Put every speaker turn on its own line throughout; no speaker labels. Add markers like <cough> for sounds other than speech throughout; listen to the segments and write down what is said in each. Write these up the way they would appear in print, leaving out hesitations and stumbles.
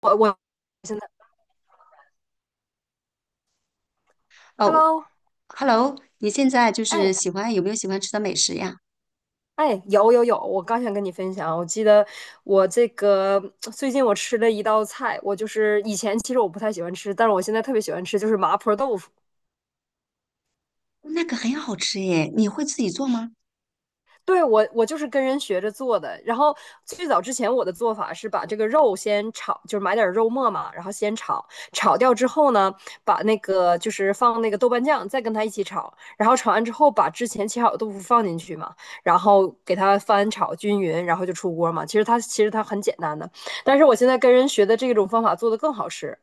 我
哦
，Hello，
，Hello，你现在就是
哎
喜欢喜欢吃的美食呀？
哎，有，我刚想跟你分享，我记得我这个最近我吃了一道菜，我就是以前其实我不太喜欢吃，但是我现在特别喜欢吃，就是麻婆豆腐。
那个很好吃耶，你会自己做吗？
对，我就是跟人学着做的。然后最早之前我的做法是把这个肉先炒，就是买点肉末嘛，然后先炒，炒掉之后呢，把那个就是放那个豆瓣酱，再跟它一起炒，然后炒完之后把之前切好的豆腐放进去嘛，然后给它翻炒均匀，然后就出锅嘛。其实它很简单的，但是我现在跟人学的这种方法做的更好吃，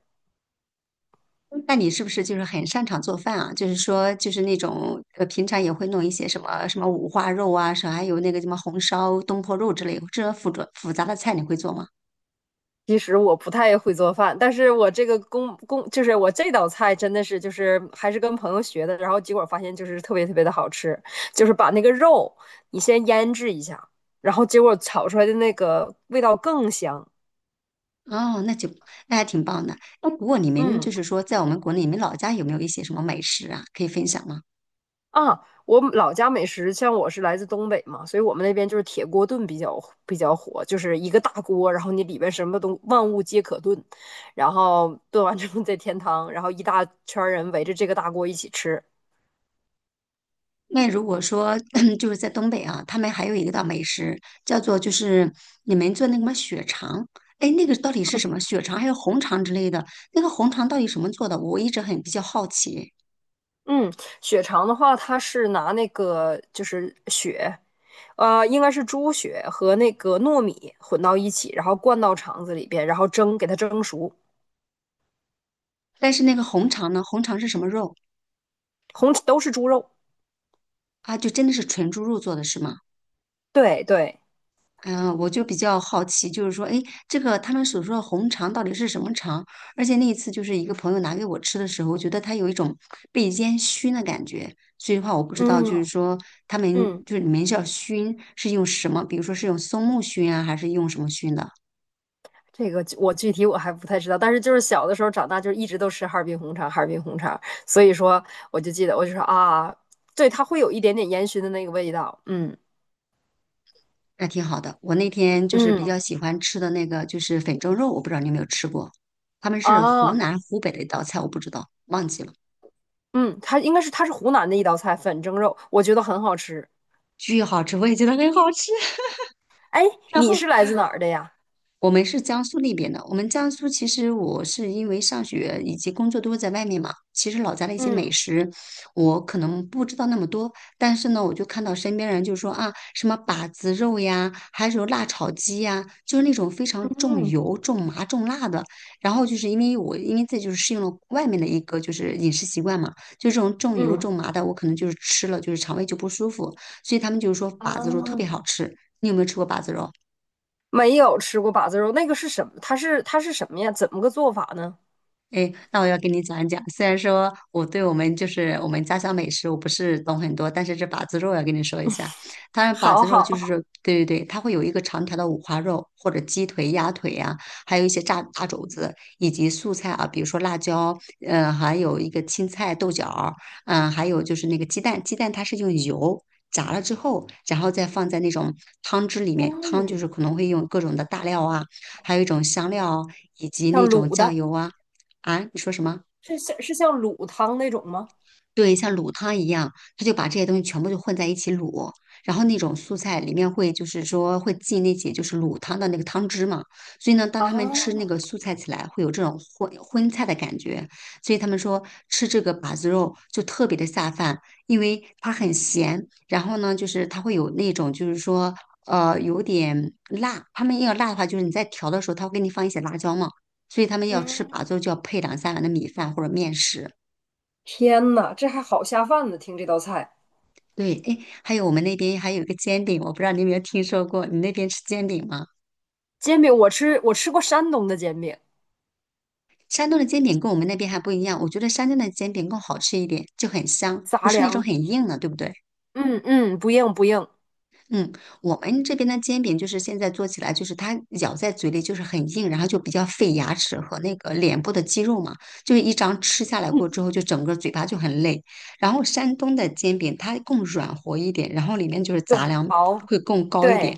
那你是不是就是很擅长做饭啊？就是说，就是那种平常也会弄一些什么五花肉啊，什么还有那个什么红烧东坡肉之类，这种复杂的菜你会做吗？
其实我不太会做饭，但是我这道菜真的是就是还是跟朋友学的，然后结果发现就是特别的好吃，就是把那个肉你先腌制一下，然后结果炒出来的那个味道更香。
哦，那就那还挺棒的。那不过你们
嗯
就是说，在我们国内，你们老家有没有一些什么美食啊，可以分享吗？
啊，我老家美食，像我是来自东北嘛，所以我们那边就是铁锅炖比较火，就是一个大锅，然后你里边什么都万物皆可炖，然后炖完之后再添汤，然后一大圈人围着这个大锅一起吃。
那如果说 <clears throat> 就是在东北啊，他们还有一个道美食叫做你们做那个什么血肠，哎，那个到底是什么血肠还有红肠之类的？那个红肠到底什么做的？我一直很比较好奇。
嗯，血肠的话，它是拿那个就是血，应该是猪血和那个糯米混到一起，然后灌到肠子里边，然后蒸，给它蒸熟，
但是那个红肠呢，红肠是什么肉
红都是猪肉。
啊？就真的是纯猪肉做的是吗？
对对，
嗯，我就比较好奇，就是说，哎，这个他们所说的红肠到底是什么肠？而且那一次就是一个朋友拿给我吃的时候，我觉得它有一种被烟熏的感觉，所以的话我不知道，就是
嗯
说他们
嗯，
就是你们叫熏是用什么？比如说是用松木熏啊，还是用什么熏的？
这个我具体还不太知道，但是就是小的时候长大，就是一直都吃哈尔滨红肠，哈尔滨红肠，所以说我就记得，我就说啊，对，它会有一点点烟熏的那个味道，嗯。
那挺好的。我那天就是比较
嗯
喜欢吃的那个就是粉蒸肉，我不知道你有没有吃过，他们是湖
啊，
南湖北的一道菜，我不知道，忘记了，
嗯，它应该是它是湖南的一道菜，粉蒸肉，我觉得很好吃。
巨好吃，我也觉得很好吃。<laughs>
哎，
然
你是
后
来自哪儿的呀？
我们是江苏那边的，我们江苏其实我是因为上学以及工作都是在外面嘛，其实老家的一些美
嗯。
食我可能不知道那么多，但是呢，我就看到身边人就说啊，什么把子肉呀，还有辣炒鸡呀，就是那种非常重
嗯
油、重麻、重辣的。然后就是因为这就是适应了外面的一个就是饮食习惯嘛，就这种重油
嗯
重麻的，我可能就是吃了就是肠胃就不舒服，所以他们就是说
啊，
把子肉特别好吃。你有没有吃过把子肉？
没有吃过把子肉，那个是什么？它是什么呀？怎么个做法呢？
诶，那我要跟你讲一讲。虽然说我对我们就是我们家乡美食我不是懂很多，但是这把子肉要跟你说一下。它把
好
子肉
好，
就是说对对对，它会有一个长条的五花肉，或者鸡腿、鸭腿呀、还有一些炸大肘子，以及素菜啊，比如说辣椒，嗯、还有一个青菜、豆角儿嗯、还有就是那个鸡蛋，鸡蛋它是用油。炸了之后，然后再放在那种汤汁里面，汤就
嗯，
是可能会用各种的大料啊，还有一种香料啊，以及
像
那种
卤
酱
的，
油啊，啊，你说什么？
是像卤汤那种吗？
对，像卤汤一样，他就把这些东西全部就混在一起卤，然后那种素菜里面会就是说会进那些就是卤汤的那个汤汁嘛，所以呢，当他们吃那
啊，
个素菜起来，会有这种荤菜的感觉，所以他们说吃这个把子肉就特别的下饭，因为它很咸，然后呢，就是它会有那种就是说有点辣，他们要辣的话，就是你在调的时候，他会给你放一些辣椒嘛，所以他们要吃把
嗯，
子肉就要配两三碗的米饭或者面食。
天呐，这还好下饭呢！听这道菜，
对，哎，还有我们那边还有一个煎饼，我不知道你有没有听说过，你那边吃煎饼吗？
煎饼我吃过山东的煎饼，
山东的煎饼跟我们那边还不一样，我觉得山东的煎饼更好吃一点，就很香，不
杂
是那种很
粮，
硬的，对不对？
嗯嗯，不硬不硬，
嗯，我们这边的煎饼就是现在做起来，就是它咬在嘴里就是很硬，然后就比较费牙齿和那个脸部的肌肉嘛，就是一张吃下来过之后，就整个嘴巴就很累。然后山东的煎饼它更软和一点，然后里面就是杂
对，
粮
薄，
会更高一
对。
点，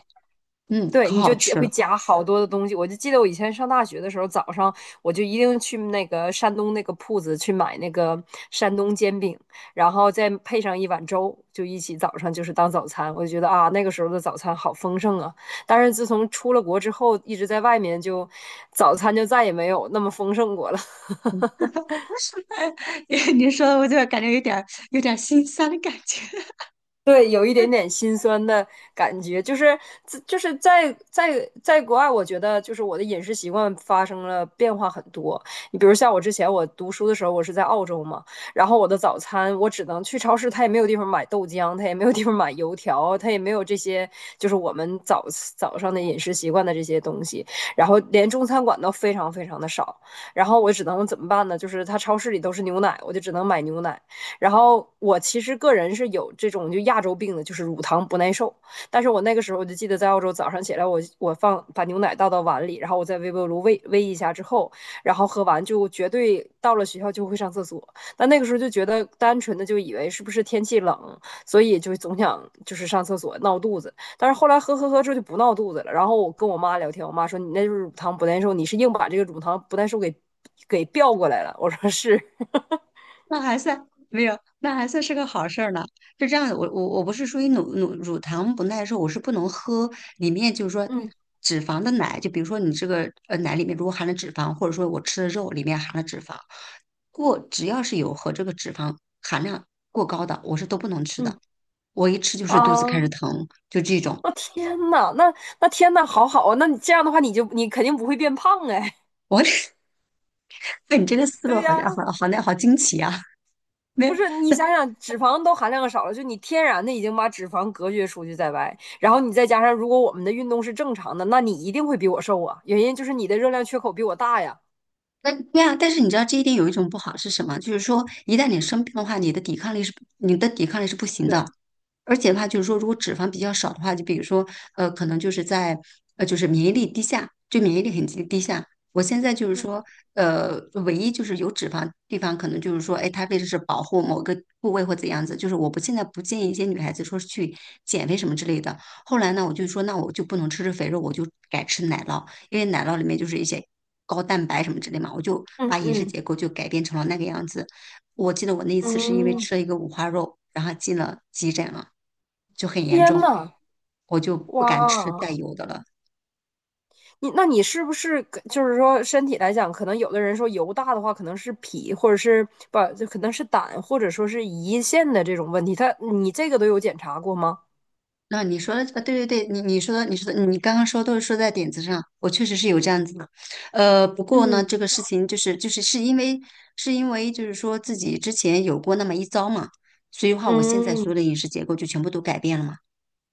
嗯，
对，
可
你
好
就夹
吃
会
了。
夹好多的东西。我就记得我以前上大学的时候，早上我就一定去那个山东那个铺子去买那个山东煎饼，然后再配上一碗粥，就一起早上就是当早餐。我就觉得啊，那个时候的早餐好丰盛啊。但是自从出了国之后，一直在外面就早餐就再也没有那么丰盛过了。
嗯
<laughs>
<laughs> 你说的我就感觉有点儿心酸的感觉，<laughs>
对，有一点点心酸的感觉，就是就是在国外，我觉得就是我的饮食习惯发生了变化很多。你比如像我之前我读书的时候，我是在澳洲嘛，然后我的早餐我只能去超市，它也没有地方买豆浆，它也没有地方买油条，它也没有这些就是我们早上的饮食习惯的这些东西，然后连中餐馆都非常的少，然后我只能怎么办呢？就是它超市里都是牛奶，我就只能买牛奶。然后我其实个人是有这种就亚洲病的，就是乳糖不耐受。但是我那个时候我就记得在澳洲早上起来我放把牛奶倒到碗里，然后我在微波炉煨一下之后，然后喝完就绝对到了学校就会上厕所。但那个时候就觉得单纯的就以为是不是天气冷，所以就总想就是上厕所闹肚子。但是后来喝之后就不闹肚子了。然后我跟我妈聊天，我妈说你那就是乳糖不耐受，你是硬把这个乳糖不耐受给调过来了。我说是，
那还算没有，那还算是个好事儿呢。是这样的，我不是属于乳糖不耐受，我是不能喝里面就是说
嗯
脂肪的奶，就比如说你这个奶里面如果含了脂肪，或者说我吃的肉里面含了脂肪，过只要是有和这个脂肪含量过高的，我是都不能吃的。
嗯。
我一吃就
<laughs>
是肚子开
啊。
始疼，就这
<laughs>
种。
哦天呐，那天呐，好好啊，那你这样的话，你肯定不会变胖哎。
我 <laughs> 哎，你这个
<laughs>
思路
对
好
呀，
像好那好惊奇啊！<laughs>
不
没
是，你想想，脂肪都含量少了，就你天然的已经把脂肪隔绝出去在外，然后你再加上，如果我们的运动是正常的，那你一定会比我瘦啊。原因就是你的热量缺口比我大呀。
那对啊，但是你知道这一点有一种不好是什么？就是说，一旦你生病的话，你的抵抗力是不行的。
对，
而且的话，就是说，如果脂肪比较少的话，就比如说，可能就是在就是免疫力低下，就免疫力很低下。我现在就是说，
嗯
呃，唯一就是有脂肪地方，可能就是说，哎，它为的是保护某个部位或怎样子，就是我不现在不建议一些女孩子说是去减肥什么之类的。后来呢，我就说，那我就不能吃肥肉，我就改吃奶酪。因为奶酪里面就是一些高蛋白什么之类嘛，我就
嗯
把饮食
嗯
结构就改变成了那个样子。我记得我那一次是因为
嗯，
吃了一个五花肉，然后进了急诊了，就很严
天
重，
呐，
我就不敢吃
哇！
带油的了。
你那你是不是就是说身体来讲，可能有的人说油大的话，可能是脾或者是不就可能是胆或者说是胰腺的这种问题，他你这个都有检查过吗？
那你说的，对对对，你说的，你刚刚说都是说在点子上，我确实是有这样子的。呃，不过呢，这
嗯
个事情就是是因为是因为就是说自己之前有过那么一遭嘛，所以话我现在所有
嗯，
的饮食结构就全部都改变了嘛。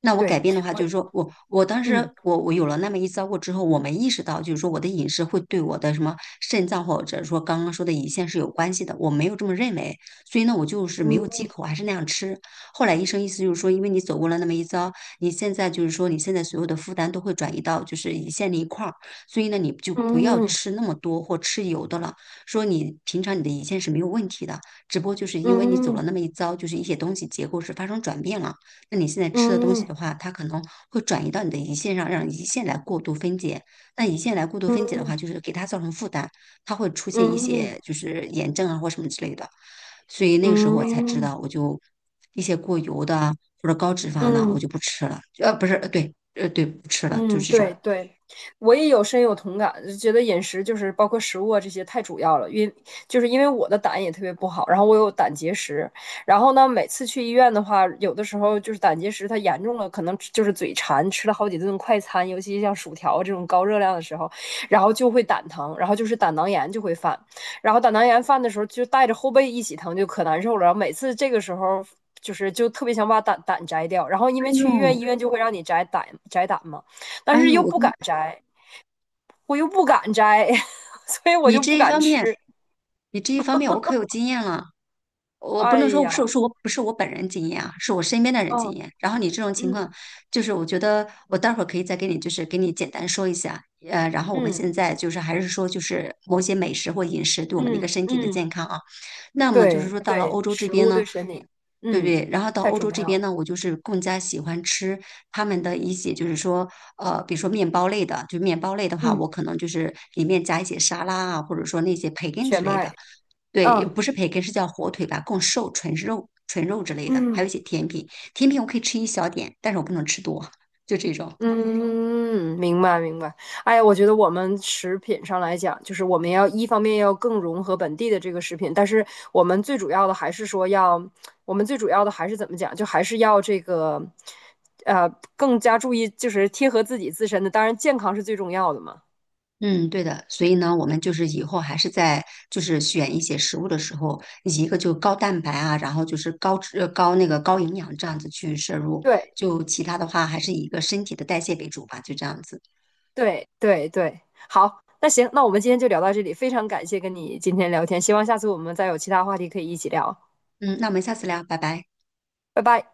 那我改
对，
变的话，就是
我。
说我当时
嗯
我有了那么一遭过之后，我没意识到，就是说我的饮食会对我的什么肾脏或者说刚刚说的胰腺是有关系的，我没有这么认为，所以呢，我就是没有
嗯
忌口，还是那样吃。后来医生意思就是说，因为你走过了那么一遭，你现在就是说你现在所有的负担都会转移到就是胰腺那一块儿，所以呢，你就不要
嗯
吃那么多或吃油的了。说你平常你的胰腺是没有问题的，只不过就是因为你走了
嗯
那么一遭，就是一些东西结构是发生转变了。那你现在吃的东
嗯
西
嗯
的话，它可能会转移到你的胰腺上，让胰腺来过度分解。那胰腺来过度分解的话，
嗯
就是给它造成负担，它会出现一
嗯
些就是炎症啊或什么之类的。所以那个时候
嗯
我才知
嗯嗯
道，我就一些过油的啊或者高脂肪的，
嗯
我就不吃了。呃，不是，呃对，对，不吃了，就
嗯，
这种。
对对，我也有深有同感，就觉得饮食就是包括食物啊这些太主要了，因就是因为我的胆也特别不好，然后我有胆结石，然后呢每次去医院的话，有的时候就是胆结石它严重了，可能吃就是嘴馋，吃了好几顿快餐，尤其像薯条这种高热量的时候，然后就会胆疼，然后就是胆囊炎就会犯，然后胆囊炎犯的时候就带着后背一起疼，就可难受了，然后每次这个时候就特别想把胆摘掉，然后因
哎
为去医院，
呦，
医院就会让你摘胆嘛。但
哎
是
呦，
又
我
不
跟
敢摘，我又不敢摘，<laughs> 所以我
你
就不
这一
敢
方面，
吃。
你这一方面我可有经验了。我不
哎
能说是
呀，
是我不是我本人经验啊，是我身边的人经
嗯
验。然后你这种情况，
嗯
就是我觉得我待会儿可以再给你，就是给你简单说一下。呃，然后我们现
嗯
在就是还是说，就是某些美食或饮食对我们的一个
嗯
身体的
嗯，
健康啊。那么就是
对
说到了
对，
欧洲这
食
边
物
呢，
对身体，
对不
嗯，
对？然后到
太
欧
重
洲这
要
边
了。
呢，我就是更加喜欢吃他们的一些，就是说，比如说面包类的，就面包类的话，
嗯，
我可能就是里面加一些沙拉啊，或者说那些培根
全
之类的。
麦，
对，
嗯
不是培根，是叫火腿吧，更瘦，纯肉之类的，还有
嗯。
一些甜品。甜品我可以吃一小点，但是我不能吃多，就这种。
嗯，明白明白。哎呀，我觉得我们食品上来讲，就是我们要一方面要更融合本地的这个食品，但是我们最主要的还是说要，我们最主要的还是怎么讲，就还是要这个，呃，更加注意就是贴合自己自身的，当然健康是最重要的嘛。
嗯，对的。所以呢，我们就是以后还是在就是选一些食物的时候，一个就高蛋白啊，然后就是高脂呃高那个高营养这样子去摄入，
对
就其他的话还是以一个身体的代谢为主吧，就这样子。
对对对，好，那行，那我们今天就聊到这里，非常感谢跟你今天聊天，希望下次我们再有其他话题可以一起聊，
嗯，那我们下次聊，拜拜。
拜拜。